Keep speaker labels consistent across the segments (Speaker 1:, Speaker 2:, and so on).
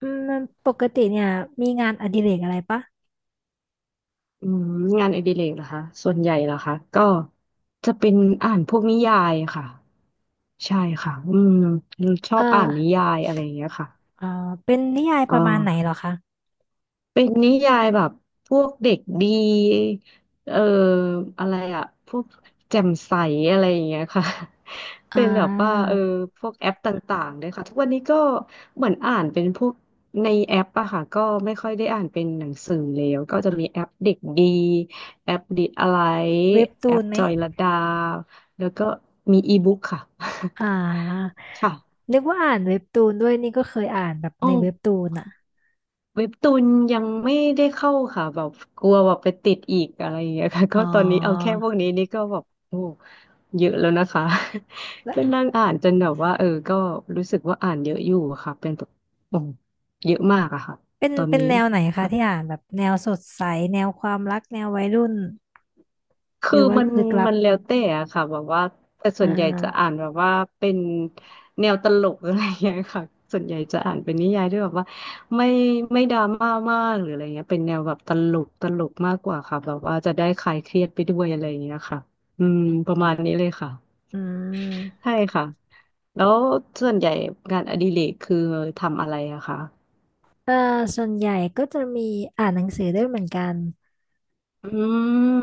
Speaker 1: อืมปกติเนี่ยมีงานอดิเรกอะไรปะ
Speaker 2: อืมงานอดิเรกเหรอคะส่วนใหญ่เหรอคะก็จะเป็นอ่านพวกนิยายค่ะ ใช่ค่ะ อืมชอ
Speaker 1: เอ
Speaker 2: บอ่านนิ
Speaker 1: อ
Speaker 2: ยายอะไรอย่างเงี้ยค่ะ
Speaker 1: เอ่เป็นนิยาย
Speaker 2: อ๋
Speaker 1: ป
Speaker 2: อ
Speaker 1: ระมาณไหนเหรอคะ
Speaker 2: เป็นนิยายแบบพวกเด็กดีเอ่ออะไรอะพวกแจ่มใสอะไรอย่างเงี้ยค่ะ
Speaker 1: อ่
Speaker 2: เป็นแบบว่า
Speaker 1: า
Speaker 2: เออพวกแอปต่างๆเลยค่ะทุกวันนี้ก็เหมือนอ่านเป็นพวกในแอปอะค่ะ ก็ไม่ค่อยได้อ่านเป็นหนังสือแล้วก็จะมีแอปเด็กดีแอปดิดอะไร
Speaker 1: เว็บ
Speaker 2: แอ
Speaker 1: ตูน
Speaker 2: ป
Speaker 1: ไหม
Speaker 2: จอยลดาแล้วก็มีอีบุ๊กค่ะ
Speaker 1: อ่า
Speaker 2: ค่
Speaker 1: นึกว่าอ่านเว็บตูนด้วยนี่ก็เคยอ่านแบบ
Speaker 2: ะ
Speaker 1: ในเว็บตูนอ่ะ
Speaker 2: เว็บตูนยังไม่ได้เข้าค่ะแบบกลัวแบบไปติดอีกอะไรอย่างเงี้ยค่ะ
Speaker 1: อ๋อ
Speaker 2: ก็ตอนนี้เอาแค่พวกนี้นี่ก็แบบโอ้เยอะแล้วนะคะ
Speaker 1: แล้ ว
Speaker 2: ก็นั่งอ่านจนแบบว่าเออก็รู้สึกว่าอ่านเยอะอยู่ค่ะเป็นแบบโอ้เยอะมากอะค่ะ
Speaker 1: เป็น
Speaker 2: ตอน
Speaker 1: เป็น
Speaker 2: นี้
Speaker 1: แนวไหนคะ
Speaker 2: ค่ะ
Speaker 1: ที่อ่านแบบแนวสดใสแนวความรักแนววัยรุ่นห
Speaker 2: คือ
Speaker 1: รือว่า
Speaker 2: มัน
Speaker 1: ลึกลับ
Speaker 2: มันแล้วแต่อะค่ะแบบว่าแต่
Speaker 1: อ่
Speaker 2: ส่วนใหญ่จะ
Speaker 1: า
Speaker 2: อ่านแบบว่าเป็นแนวตลกอะไรอย่างเงี้ยค่ะส่วนใหญ่จะอ่านเป็นนิยายด้วยแบบว่าไม่ไม่ดราม่ามากหรืออะไรเงี้ยเป็นแนวแบบตลกตลกมากกว่าค่ะแบบว่าจะได้คลายเครียดไปด้วยอะไรอย่างเงี้ยค่ะอืมประมาณนี้เลยค่ะ
Speaker 1: อืม
Speaker 2: ใช่ค่ะแล้วส่วนใหญ่งานอดิเรกคือทำอะไรอะคะ
Speaker 1: เออส่วนใหญ่ก็จะมีอ่านหนังสือด้วยเหมือนกัน
Speaker 2: อื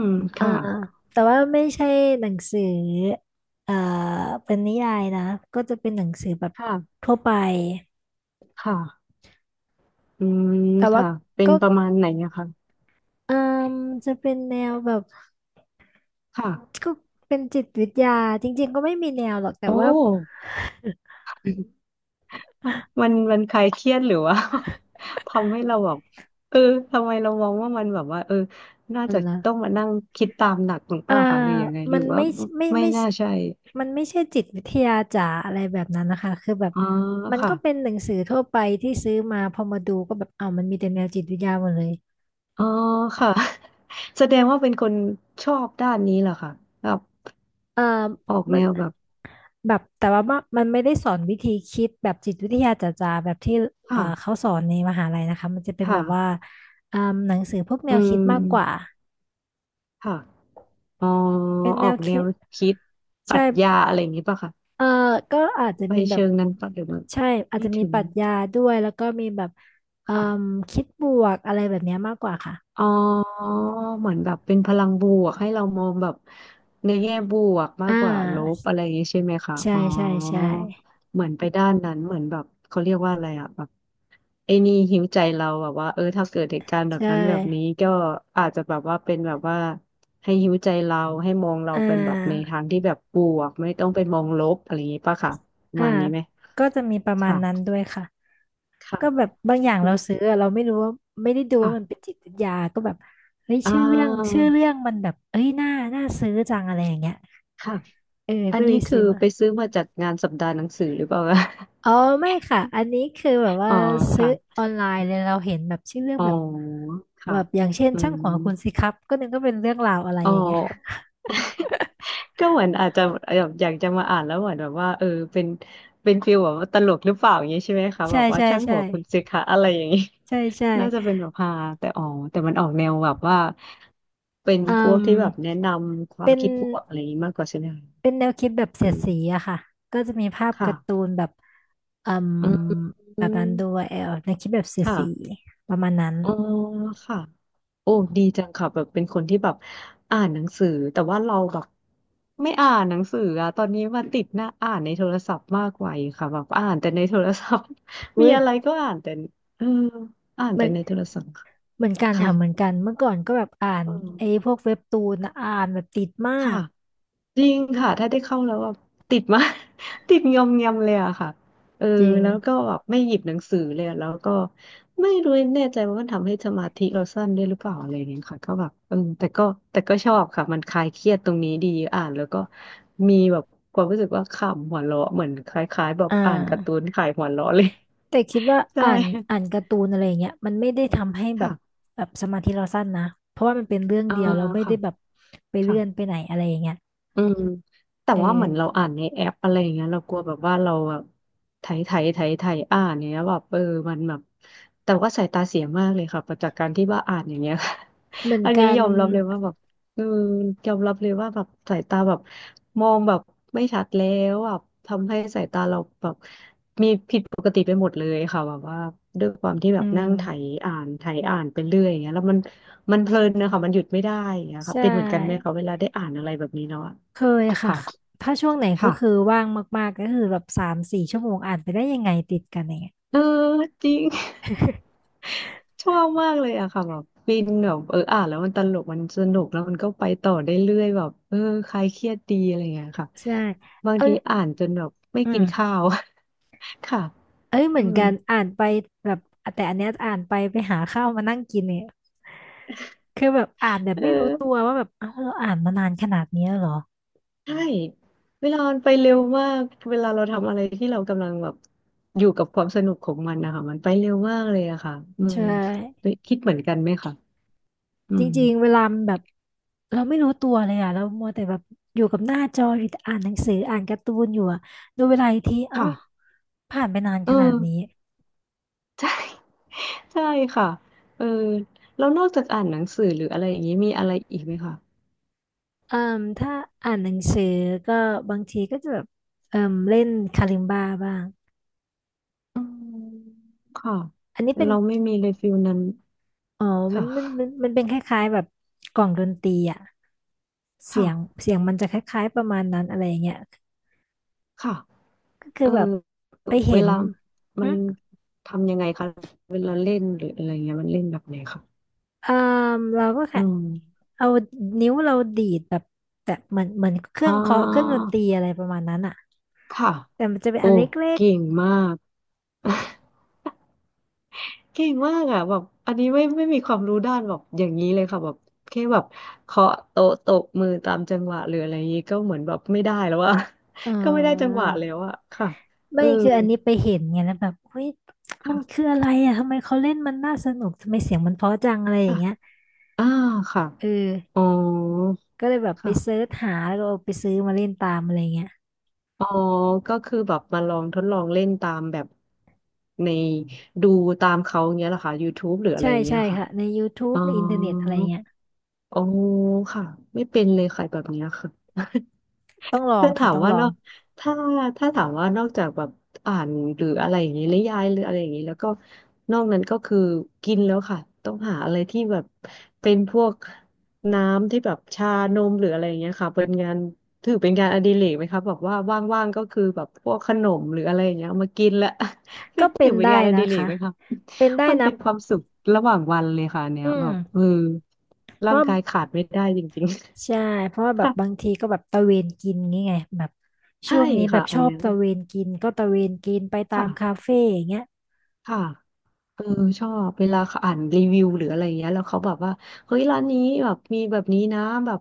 Speaker 2: ม
Speaker 1: อ่า
Speaker 2: ค่ะ
Speaker 1: แต่ว่าไม่ใช่หนังสือเอ่อเป็นนิยายนะก็จะเป็นหนังสือแบบ
Speaker 2: ค่ะ
Speaker 1: ทั่วไป
Speaker 2: ค่ะอืม
Speaker 1: แต่ว่า
Speaker 2: ค่ะเป็น
Speaker 1: ก็
Speaker 2: ประมาณไหนอะคะ
Speaker 1: เอ่มจะเป็นแนวแบบ
Speaker 2: ค่ะ
Speaker 1: ก็เป็นจิตวิทยาจริงๆก็ไม่มีแนวหรอกแต่
Speaker 2: โอ้
Speaker 1: ว่า
Speaker 2: มัมันคลายเครียดหรือว่า ทำให้เราแบบเออทำไมเรามองว่ามันแบบว่าเออน่า
Speaker 1: อะไร
Speaker 2: จะ
Speaker 1: ล่ะ
Speaker 2: ต้องมานั่งคิดตามหนักหรือเป
Speaker 1: อ่า
Speaker 2: ล่าคะหรือยังไงห
Speaker 1: มั
Speaker 2: รื
Speaker 1: น
Speaker 2: อว่าไม่
Speaker 1: ไม่
Speaker 2: น่าใช่
Speaker 1: มันไม่ใช่จิตวิทยาจ๋าอะไรแบบนั้นนะคะคือแบบ
Speaker 2: อ๋อ
Speaker 1: มัน
Speaker 2: ค่ะ
Speaker 1: ก็เป็นหนังสือทั่วไปที่ซื้อมาพอมาดูก็แบบเอาวมันมีแต่แนวจิตวิทยาหมดเลย
Speaker 2: อ๋อค่ะ แสดงว่าเป็นคนชอบด้านนี้เหรอคะแบบ
Speaker 1: เอ่อ
Speaker 2: ออก
Speaker 1: มั
Speaker 2: แน
Speaker 1: น
Speaker 2: วแบบ
Speaker 1: แบบแต่ว่ามันไม่ได้สอนวิธีคิดแบบจิตวิทยาจ๋าๆแบบที่
Speaker 2: ค่ะ
Speaker 1: เขาสอนในมหาลัยนะคะมันจะเป็นแบ
Speaker 2: ค่ะ
Speaker 1: บว่าอ่าหนังสือพวกแน
Speaker 2: อื
Speaker 1: วคิด
Speaker 2: ม
Speaker 1: มากกว่า
Speaker 2: ค่ะอ๋อ
Speaker 1: เป็น
Speaker 2: อ
Speaker 1: แน
Speaker 2: อก
Speaker 1: ว
Speaker 2: แน
Speaker 1: คิ
Speaker 2: ว
Speaker 1: ด
Speaker 2: คิดปรั
Speaker 1: ใช่
Speaker 2: ชญาอะไรอย่างนี้ป่ะคะ
Speaker 1: เออก็อาจจะ
Speaker 2: ไป
Speaker 1: มีแบบ
Speaker 2: เชิงนั้นป่ะหรือว่า
Speaker 1: ใช่อาจ
Speaker 2: ไม่
Speaker 1: จะมี
Speaker 2: ถึ
Speaker 1: ป
Speaker 2: ง
Speaker 1: รัชญาด้วยแล้วก็มีแบบเอ่ม
Speaker 2: ค่ะ
Speaker 1: คิดบวกอะไรแบบเนี้ยมากกว่าค่ะ
Speaker 2: อ๋อเหมือนแบบเป็นพลังบวกให้เรามองแบบในแง่บวกมา
Speaker 1: อ่
Speaker 2: กกว่าลบ
Speaker 1: า
Speaker 2: อะไรอย่างนี้ใช่ไหมคะ
Speaker 1: ใช่
Speaker 2: อ๋อ
Speaker 1: ใช่ใช่
Speaker 2: เหมือนไปด้านนั้นเหมือนแบบเขาเรียกว่าอะไรอะแบบไอ้นี่หิวใจเราแบบว่าเออถ้าเกิดเหตุการณ์แบบ
Speaker 1: ใช่
Speaker 2: นั้นแบบนี้ก็อาจจะแบบว่าเป็นแบบว่าให้หิวใจเราให้มองเรา
Speaker 1: อ่
Speaker 2: เป็นแบบใน
Speaker 1: า
Speaker 2: ทางที่แบบบวกไม่ต้องไปมองลบอะไรอย่างนี้ป่ะค่ะประ
Speaker 1: อ่า
Speaker 2: มาณนี้ไหม
Speaker 1: ก็จะมีประมาณนั้น
Speaker 2: ค่ะ
Speaker 1: ด้วยค่ะ ก็แบบ
Speaker 2: ค่ะ
Speaker 1: บางอย่างเราซื้ออะเราไม่รู้ว่าไม่ได้ดู
Speaker 2: ค่ะ
Speaker 1: ว่ามันเป็นจิตวิทยาก็แบบเฮ้ย
Speaker 2: อ่
Speaker 1: ชื่อเรื่องชื่
Speaker 2: า
Speaker 1: อเรื่องมันแบบเอ้ยน่าน่าซื้อจังอะไรอย่างเงี้ย
Speaker 2: ค่ะ
Speaker 1: เออ
Speaker 2: อั
Speaker 1: ก็
Speaker 2: น
Speaker 1: เล
Speaker 2: นี้
Speaker 1: ยซื้
Speaker 2: คื
Speaker 1: อ
Speaker 2: อ
Speaker 1: มา
Speaker 2: ไปซื้อมาจากงานสัปดาห์หนังสือหรือเปล่าคะ
Speaker 1: อ๋อไม่ค่ะอันนี้คือแบบ ว่า
Speaker 2: อ๋อ
Speaker 1: ซื้
Speaker 2: ค่ะ
Speaker 1: อออนไลน์เลยเราเห็นแบบชื่อเรื่อง
Speaker 2: อ๋อ
Speaker 1: แบบแบ
Speaker 2: ค่ะ
Speaker 1: บอย่างเช่น
Speaker 2: อื
Speaker 1: ช่าง
Speaker 2: ม
Speaker 1: หัวคุณสิครับก็นึกว่าเป็นเรื่องราวอะไร
Speaker 2: อ๋อ
Speaker 1: อย่างเงี้ย
Speaker 2: ก็เหมือนอาจจะแบบอยากจะมาอ่านแล้วเหมือนแบบว่าเออเป็นเป็นฟีลแบบว่าตลกหรือเปล่าอย่างนี้ใช่ไหมคะแบ
Speaker 1: ใช่
Speaker 2: บว่า
Speaker 1: ใช่
Speaker 2: ช่างหัว
Speaker 1: ใช่
Speaker 2: คุณสิคะอะไรอย่างนี้
Speaker 1: ใช่ใช่
Speaker 2: น่าจะเป็นแบบฮาแต่อ๋อแต่มันออกแนวแบบว่าเป็น
Speaker 1: อื
Speaker 2: พวกที่แบบแนะ
Speaker 1: ม
Speaker 2: นำควา
Speaker 1: เป็
Speaker 2: ม
Speaker 1: น
Speaker 2: คิดบวกอะไรอย่างนี้มากกว่าใช่ไหมคะ
Speaker 1: เป็นแนวคิดแบบ
Speaker 2: อื
Speaker 1: เสียด
Speaker 2: ม
Speaker 1: สีอะค่ะก็จะมีภาพการ์ตู
Speaker 2: ค่ะ
Speaker 1: นแบบอืม
Speaker 2: อื
Speaker 1: แบ
Speaker 2: ม
Speaker 1: บนั้นด้วยเออแนวคิดแบบเสียด
Speaker 2: ค่ะ
Speaker 1: สีประมาณนั้น
Speaker 2: อ๋อค่ะ โอ้ดีจังค่ะแบบเป็นคนที่แบบอ่านหนังสือแต่ว่าเราแบบไม่อ่านหนังสืออะตอนนี้มาติดหน้าอ่านในโทรศัพท์มากกว่าอีกค่ะแบบอ่านแต่ในโทรศัพท์
Speaker 1: อุ้
Speaker 2: มี
Speaker 1: ย
Speaker 2: อะไรก็อ่านแต่เอออ่าน
Speaker 1: เหมั
Speaker 2: แต่
Speaker 1: น
Speaker 2: ในโทรศัพท์ค่ะ
Speaker 1: เหมือนกันค่ะเหมือนกันเมื่อก่อนก็แบบอ่าน
Speaker 2: อืม
Speaker 1: ไอ้พวกเว็บตูนอะอ่านแบบติดมา
Speaker 2: ค่ะ
Speaker 1: ก
Speaker 2: จริงค่ะถ้าได้เข้าแล้วแบบติดมาก ติดงอมแงมเลยอะค่ะเออ
Speaker 1: จริง
Speaker 2: แล้วก็แบบไม่หยิบหนังสือเลยอะแล้วก็ไม่รู้แน่ใจว่ามันทำให้สมาธิเราสั้นด้วยหรือเปล่าอะไรอย่างเงี้ยค่ะก็แบบเออแต่ก็ชอบค่ะมันคลายเครียดตรงนี้ดีอ่านแล้วก็มีแบบความรู้สึกว่าขำหัวเราะเหมือนคล้ายๆแบบ
Speaker 1: อ่
Speaker 2: อ่านการ์ตู
Speaker 1: า
Speaker 2: นขายหัวเราะเลย
Speaker 1: แต่คิดว่า
Speaker 2: ใช่
Speaker 1: อ่านการ์ตูนอะไรเงี้ยมันไม่ได้ทำให้แบ
Speaker 2: ค่ะ
Speaker 1: บแบบสมาธิเราสั้นนะเพราะว่ามันเป็นเรื่อง
Speaker 2: อ่า
Speaker 1: เดียวเราไม่ได้
Speaker 2: ค่ะ
Speaker 1: แบบไปเลื่อนไป
Speaker 2: ค่ะ
Speaker 1: ไหนอะไรอย่างเงี้ย
Speaker 2: อืมแต่
Speaker 1: เออ
Speaker 2: ว่าเหมือนเราอ่านในแอปอะไรอย่างเงี้ยเรากลัวแบบว่าเราแบบไถไถไถไถอ่านอย่างเงี้ยแบบเออมันแบบแต่ว่าสายตาเสียมากเลยค่ะจากการที่ว่าอ่านอย่างเงี้ย
Speaker 1: เหมือน
Speaker 2: อัน
Speaker 1: กั
Speaker 2: นี้ย
Speaker 1: น
Speaker 2: อมรับเลยว่าแบบเออยอมรับเลยว่าแบบสายตาแบบมองแบบไม่ชัดแล้วแบบทำให้สายตาเราแบบมีผิดปกติไปหมดเลยค่ะแบบว่าด้วยความที่แบ
Speaker 1: อื
Speaker 2: บนั่
Speaker 1: ม
Speaker 2: งไถอ่านไถอ่านไปเรื่อยอย่างเงี้ยแล้วมันเพลินนะคะมันหยุดไม่ได้อย่างเงี้ย
Speaker 1: ใช
Speaker 2: ค่ะเป็นเหมือนกันไหม
Speaker 1: ่
Speaker 2: คะเวลาได้อ่านอะไรแบบนี้เนาะ
Speaker 1: เคยค่ะ
Speaker 2: ค่ะ
Speaker 1: ถ้าช่วงไหนก็
Speaker 2: ค่ะ
Speaker 1: คือว่างมากๆก็คือแบบสามสี่ชั่วโมงอ่านไปได้ยังไงติดกันอย่างเงี้ย
Speaker 2: เออจริง ชอบมากเลยอะค่ะแบบฟินแบบเอออ่านแล้วมันตลกมันสนุกแล้วมันก็ไปต่อได้เรื่อยแบบเออคลายเครียดดีอะไรเงี้ยค่ะ
Speaker 1: ใช่
Speaker 2: บาง
Speaker 1: เอ้
Speaker 2: ที
Speaker 1: ย
Speaker 2: อ่านจนแบบไม่
Speaker 1: อื
Speaker 2: กิน
Speaker 1: ม
Speaker 2: ข้าว ค่ะ
Speaker 1: เอ้ยเห
Speaker 2: อื
Speaker 1: มือน
Speaker 2: ม
Speaker 1: กันอ่านไปแบบแต่อันเนี้ยอ่านไปไปหาข้าวมานั่งกินเนี่ยคือแบบอ่านแบบ
Speaker 2: เออ
Speaker 1: ไม่รู้ตัวว่าแบบเอ้าเราอ่านมานานขนาดนี้แล้วเหรอ
Speaker 2: ใช่เวลามันไปเร็วมากเวลาเราทำอะไรที่เรากำลังแบบอยู่กับความสนุกของมันนะคะมันไปเร็วมากเลยอะค่ะอืม
Speaker 1: ใช่
Speaker 2: คิดเหมือนกันไหมคะอื
Speaker 1: จ
Speaker 2: ม
Speaker 1: ริงๆเวลามันแบบเราไม่รู้ตัวเลยอ่ะเรามัวแต่แบบอยู่กับหน้าจออยู่แต่อ่านหนังสืออ่านการ์ตูนอยู่อะดูเวลาอีกทีเอ้า
Speaker 2: ค่ะ
Speaker 1: ผ่านไปนาน
Speaker 2: เอ
Speaker 1: ขนาด
Speaker 2: อ
Speaker 1: นี้
Speaker 2: ใช่ ใช่ค่ะเออแล้วนอกจากอ่านหนังสือหรืออะไรอย่างนี้มีอะไรอีกไหมคะ
Speaker 1: เอ่มถ้าอ่านหนังสือก็บางทีก็จะแบบเอ่มเล่นคาลิมบาบ้าง
Speaker 2: อืมค่ะ
Speaker 1: อันนี้เป็น
Speaker 2: เราไม่มีเลยฟิลนั้น
Speaker 1: อ๋อ
Speaker 2: ค
Speaker 1: มันมันมัน
Speaker 2: ่ะ
Speaker 1: มันเป็นคล้ายๆแบบกล่องดนตรีอ่ะเสี
Speaker 2: ค่ะ
Speaker 1: ยงเสียงมันจะคล้ายๆประมาณนั้นอะไรอย่างเงี้ย
Speaker 2: ค่ะ
Speaker 1: ก็คื
Speaker 2: เอ
Speaker 1: อ
Speaker 2: อ
Speaker 1: แบบไป
Speaker 2: เว
Speaker 1: เห็น
Speaker 2: ลามั
Speaker 1: หึ
Speaker 2: นทำยังไงคะเวลาเล่นหรืออะไรเงี้ยมันเล่นแบบไหนคะ
Speaker 1: เอ่มเราก็
Speaker 2: อื
Speaker 1: แค่
Speaker 2: ม
Speaker 1: เอานิ้วเราดีดแบบแต่เหมือนเหมือนเครื่
Speaker 2: อ่
Speaker 1: องเคาะเครื่องดน
Speaker 2: า
Speaker 1: ตรีอะไรประมาณนั้นอ่ะ
Speaker 2: ค่ะ
Speaker 1: แต่มันจะเป็น
Speaker 2: โอ้
Speaker 1: อันเล็ก
Speaker 2: เก่งมาก เก่งมากอ่ะแบบอันนี้ไม่มีความรู้ด้านแบบอย่างนี้เลยค่ะแบบแค่แบบเคาะโต๊ะตบมือตามจังหวะหรืออะไรอย่างนี้ก็เหมือนแบบไม่ได้แล้วอ่ะ
Speaker 1: ๆเออ
Speaker 2: ก็ไม่ได้จังหวะแล้วอ่ะค่ะเอ
Speaker 1: ไม่
Speaker 2: อ
Speaker 1: คืออันนี้ไปเห็นไงแล้วแบบเฮ้ยมัน
Speaker 2: ค่ะ
Speaker 1: คืออะไรอ่ะทำไมเขาเล่นมันน่าสนุกทำไมเสียงมันเพราะจังอะไรอย่า
Speaker 2: ค่ะ
Speaker 1: งเงี้ย
Speaker 2: อ่าค่ะ
Speaker 1: เออ
Speaker 2: อ๋อ
Speaker 1: ก็เลยแบบไปเซิ
Speaker 2: ค่ะ
Speaker 1: ร์ชหาแล้วก็เอาไปซื้อมาเล่นตามอะไรเงี้ย
Speaker 2: อ๋อก็คือแบบมาลองทดลองเล่นตามแบบในดูตามเขาอย่างเงี้ยเหรอคะ YouTube หรืออะไร
Speaker 1: ใช่
Speaker 2: อย่างเงี้ยเห
Speaker 1: ใช่
Speaker 2: รอคะ
Speaker 1: ค่ะในย o ทู
Speaker 2: อ๋
Speaker 1: บ
Speaker 2: อ
Speaker 1: e ในอินเทอร์เน็ตอะไรเงี้ย
Speaker 2: อ๋อค่ะไม่เป็นเลยค่ะแบบเนี้ยค่ะ
Speaker 1: ต้องลอง
Speaker 2: ถ้า
Speaker 1: ค่ะ
Speaker 2: ถาม
Speaker 1: ต้อง
Speaker 2: ว่า
Speaker 1: ลอ
Speaker 2: นอ
Speaker 1: ง
Speaker 2: กถ้าถ้าถามว่านอกจากแบบอ่านหรืออะไรอย่างนี้นิยายหรืออะไรอย่างนี้แล้วก็นอกนั้นก็คือกินแล้วค่ะ ต้องหาอะไรที่แบบเป็นพวกน้ำที่แบบชานมหรืออะไรอย่างเงี้ยค่ะเป็นงานถือเป็นงานอดิเรกไหมคะแบบว่าว่างๆก็คือแบบพวกขนมหรืออะไรอย่างเงี้ยเอามากินละ เป็
Speaker 1: ก็
Speaker 2: น
Speaker 1: เป็
Speaker 2: ถื
Speaker 1: น
Speaker 2: อเป็น
Speaker 1: ได้
Speaker 2: งานอ
Speaker 1: นะ
Speaker 2: ดิเรก
Speaker 1: คะ
Speaker 2: ไหมคะ
Speaker 1: เป็นได้
Speaker 2: มัน
Speaker 1: นะ
Speaker 2: เป็นความสุขระหว่างวันเลยค่ะอันเนี้
Speaker 1: อื
Speaker 2: ยแบ
Speaker 1: ม
Speaker 2: บเออ
Speaker 1: เพ
Speaker 2: ร่า
Speaker 1: ราะ
Speaker 2: ง
Speaker 1: ว่า
Speaker 2: กายขาดไม่ได้จริง
Speaker 1: ใช่
Speaker 2: ๆ
Speaker 1: เพราะว่า แบบ
Speaker 2: ค่ะ
Speaker 1: บางทีก็แบบตะเวนกินงี้ไงแบบ
Speaker 2: ใช่
Speaker 1: ช่วงนี้แบ
Speaker 2: ค่ะ
Speaker 1: บช
Speaker 2: อัน
Speaker 1: อบ
Speaker 2: เนี้ย
Speaker 1: ตะเวนกินก็ตะเวนกินไปตามคา
Speaker 2: ค่ะ
Speaker 1: เฟ่อย่างเงี้ย
Speaker 2: ค่ะเออชอบเวลาเขาอ่านรีวิวหรืออะไรอย่างเงี้ยแล้วเขาแบบว่า เฮ้ยร้านนี้แบบมีแบบนี้นะแบบ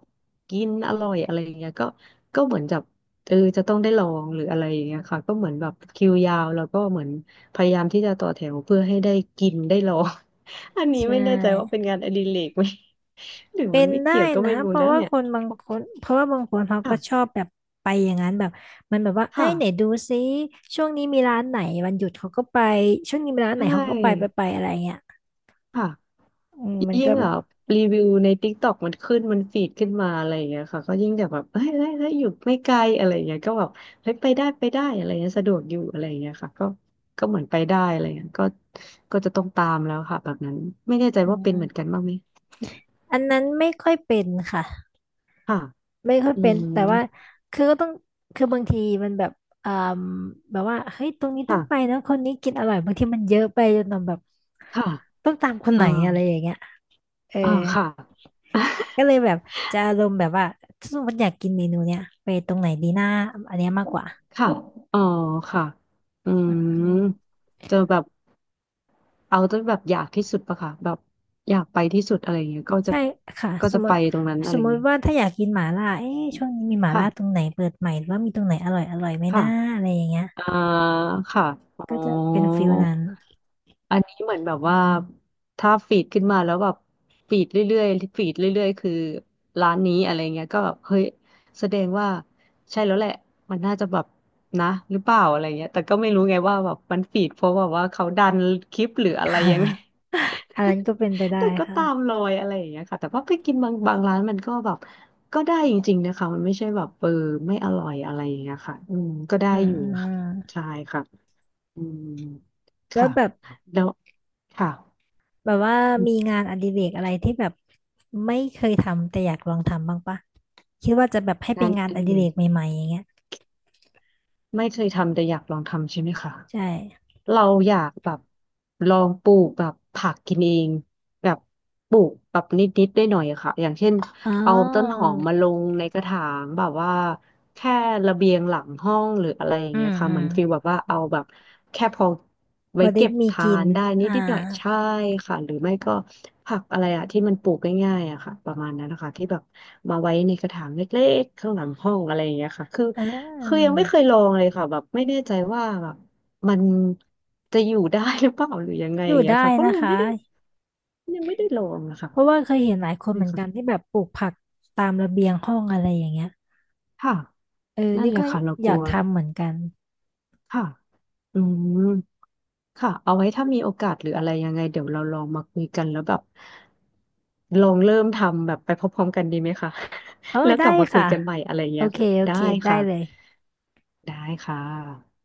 Speaker 2: กินอร่อยอะไรอย่างเงี้ยก็ก็เหมือนจะเออจะต้องได้ลองหรืออะไรอย่างเงี้ยค่ะก็เหมือนแบบคิวยาวแล้วก็เหมือนพยายามที่จะต่อแถวเพื่อให้ได้กินได้ลอง อันนี้ไม่
Speaker 1: ใช่
Speaker 2: แน่ใจว่าเป็นงานอดิเรกไหม หรือ
Speaker 1: เป็
Speaker 2: มัน
Speaker 1: น
Speaker 2: ไม่
Speaker 1: ได้
Speaker 2: เกี่ยวก็
Speaker 1: นะ
Speaker 2: ไม่รู้
Speaker 1: เพราะ
Speaker 2: นะ
Speaker 1: ว่า
Speaker 2: เนี่ย
Speaker 1: คนบางคนเพราะว่าบางคนเขาก็ชอ
Speaker 2: ค่ะ
Speaker 1: บแบบไปอย่างนั้นแบบมันแบบว่าเอ้
Speaker 2: ค่ะ
Speaker 1: ยไหนดูซิช่วงนี้มีร้านไหนวันหยุดเขาก็ไปช่วงนี้มีร้าน
Speaker 2: ใช
Speaker 1: ไหนเขาก็ไปไป
Speaker 2: ่
Speaker 1: ไปอะไรเงี้ย
Speaker 2: ค่ะ
Speaker 1: อืมมัน
Speaker 2: ยิ่
Speaker 1: ก็
Speaker 2: ง
Speaker 1: แบ
Speaker 2: อ่ะ
Speaker 1: บ
Speaker 2: รีวิวใน TikTok มันขึ้นมันฟีดขึ้นมาอะไรอย่างเงี้ยค่ะก็ยิ่งแบบแบบเฮ้ยเฮ้ยอยู่ไม่ไกลอะไรอย่างเงี้ยก็แบบเฮ้ยไปได้อะไรเงี้ยสะดวกอยู่อะไรอย่างเงี้ยค่ะก็ก็เหมือนไปได้อะไรเงี้ยก็ก็จะต้องตามแล้วค่ะแบบนั้นไม่แน่ใจ
Speaker 1: อื
Speaker 2: ว่าเป็นเหมือน
Speaker 1: ม
Speaker 2: กันบ้างไหม
Speaker 1: อันนั้นไม่ค่อยเป็นค่ะ
Speaker 2: ค่ะ
Speaker 1: ไม่ค่อย
Speaker 2: อื
Speaker 1: เป็นแต่ว่า
Speaker 2: ม
Speaker 1: คือก็ต้องคือบางทีมันแบบอ่าแบบว่าเฮ้ยตรงนี้ต้องไป
Speaker 2: ค่ะ
Speaker 1: นะคนนี้กินอร่อยบางทีมันเยอะไปจนเราแบบ
Speaker 2: ค่ะ
Speaker 1: ต้องตามคนไห
Speaker 2: อ่า
Speaker 1: นอะไรอย่างเงี้ยเออ
Speaker 2: อ่าค่ะ
Speaker 1: ก็เลยแบบจะอารมณ์แบบว่าถ้าสมมติอยากกินเมนูเนี้ยไปตรงไหนดีหน้าอันเนี้ยมากกว่า
Speaker 2: ค่ะอ๋อค่ะอื
Speaker 1: อื
Speaker 2: ม
Speaker 1: ม
Speaker 2: เจอแบบ เอาจนแบบอยากที่สุดปะค่ะแบบอยากไปที่สุดอะไรอย่างเงี้ยก็จะ
Speaker 1: ใช่ค่ะ
Speaker 2: ก็
Speaker 1: ส
Speaker 2: จะ
Speaker 1: มม
Speaker 2: ไป
Speaker 1: ติ
Speaker 2: ตรงนั้นอะ
Speaker 1: ส
Speaker 2: ไร
Speaker 1: ม
Speaker 2: อ
Speaker 1: ม
Speaker 2: ย่าง
Speaker 1: ติ
Speaker 2: เงี้ย
Speaker 1: ว่าถ้าอยากกินหม่าล่าเอ๊ะช่วงนี้มีหม่าล่าตรง
Speaker 2: ค่ะ
Speaker 1: ไหนเปิดใหม่หรือว่ามีตรงไหนอร่อยอร่อยไหม
Speaker 2: ค่ะ
Speaker 1: นะอะไรอย่างเงี้ย
Speaker 2: อ่าค่ะอ๋อ
Speaker 1: ก็จะเป็นฟิลนั้น
Speaker 2: อันนี้เหมือนแบบว่าถ้าฟีดขึ้นมาแล้วแบบฟีดเรื่อยๆฟีดเรื่อยๆคือร้านนี้อะไรเงี้ยก็แบบเฮ้ยแสดงว่าใช่แล้วแหละมันน่าจะแบบนะหรือเปล่าอะไรเงี้ยแต่ก็ไม่รู้ไงว่าแบบมันฟีดเพราะแบบว่าเขาดันคลิปหรือ อะ
Speaker 1: ค
Speaker 2: ไรยังไง
Speaker 1: ่ะอันนั้นก็เป็นไปได้
Speaker 2: แต่ก็ตาม
Speaker 1: ค่ะ
Speaker 2: รอยอะไรอย่างเงี้ยค่ะแต่ว่าไปกินบางร้านมันก็แบบก็ได้จริงๆนะคะมันไม่ใช่แบบเออไม่อร่อยอะไรอย่างเงี้ยค่ะอืมก็ได้
Speaker 1: อื
Speaker 2: อยู่ค่ะ
Speaker 1: ม
Speaker 2: ใช่ค่ะอืม
Speaker 1: แล้ว
Speaker 2: ค่ะ
Speaker 1: แบบ
Speaker 2: แล้วค่ะ
Speaker 1: แบบว่ามีงานอดิเรกอะไรที่แบบไม่เคยทำแต่อยากลองทำบ้างปะคิดว่าจะแบบให้เป็
Speaker 2: งา
Speaker 1: น
Speaker 2: น
Speaker 1: งาน
Speaker 2: อ
Speaker 1: อ
Speaker 2: ดิ
Speaker 1: ดิ
Speaker 2: เร
Speaker 1: เรก
Speaker 2: ก
Speaker 1: ใหม่ๆอย่างเงี้ย
Speaker 2: ไม่เคยทำแต่อยากลองทำใช่ไหมคะ
Speaker 1: ใช่
Speaker 2: เราอยากแบบลองปลูกแบบผักกินเองแบบปลูกแบบนิดๆได้หน่อยอะค่ะอย่างเช่น
Speaker 1: อ๋อ
Speaker 2: เอาต้นหอมมาลงในกระถางแบบว่า แค่ระเบียงหลังห้องหรืออะไรอย่าง
Speaker 1: อื
Speaker 2: เงี้ย
Speaker 1: ม
Speaker 2: ค่ะ
Speaker 1: อื
Speaker 2: เหมื
Speaker 1: ม
Speaker 2: อนฟีลแบบว่าเอาแบบแค่พอ
Speaker 1: พ
Speaker 2: ไว้
Speaker 1: อได้
Speaker 2: เก็บ
Speaker 1: มี
Speaker 2: ทา
Speaker 1: กิน
Speaker 2: นได้นิด
Speaker 1: อ่า
Speaker 2: นิดหน่อยใช่ค่ะหรือไม่ก็ผักอะไรอะที่มันปลูกง่ายๆอะค่ะประมาณนั้นนะคะที่แบบมาไว้ในกระถางเล็กๆข้างหลังห้องอะไรอย่างเงี้ยค่ะคือ
Speaker 1: อ่
Speaker 2: คือยั
Speaker 1: า
Speaker 2: งไม่เคยลองเลยค่ะแบบไม่แน่ใจว่าแบบมันจะอยู่ได้หรือเปล่าหรือยังไง
Speaker 1: อ
Speaker 2: อ
Speaker 1: ยู่
Speaker 2: ย่างเงี้ย
Speaker 1: ได้
Speaker 2: ค่ะก็เล
Speaker 1: นะ
Speaker 2: ย
Speaker 1: คะ
Speaker 2: ไม่ได้ยังไม่ได้ลองนะคะ
Speaker 1: เพราะว่าเคยเห็นหลายคนเห
Speaker 2: นี่
Speaker 1: มือน
Speaker 2: ค่ะ
Speaker 1: กันที่แบบปลูกผักตามระเบียงห้องอะไรอย่างเงี้ย
Speaker 2: ค่ะ
Speaker 1: เออ
Speaker 2: นั่น
Speaker 1: นี่
Speaker 2: แหละ
Speaker 1: ก็
Speaker 2: ค่ะเรา
Speaker 1: อ
Speaker 2: กลั
Speaker 1: ยาก
Speaker 2: ว
Speaker 1: ทำเหมือนกัน
Speaker 2: ค่ะอืม ค่ะเอาไว้ถ้ามีโอกาสหรืออะไรยังไงเดี๋ยวเราลองมาคุยกันแล้วแบบลองเริ่มทำแบบไปพร้อมๆกันดีไหมคะ
Speaker 1: เออ
Speaker 2: แล้วก
Speaker 1: ได้
Speaker 2: ลับมาคุย
Speaker 1: ค่ะ
Speaker 2: กันใหม่อะไร
Speaker 1: โอ
Speaker 2: เงี้ย
Speaker 1: เค
Speaker 2: ค่ะ
Speaker 1: โอ
Speaker 2: ได้
Speaker 1: เคได้
Speaker 2: ค่ะ
Speaker 1: เลย
Speaker 2: ได้ค่ะ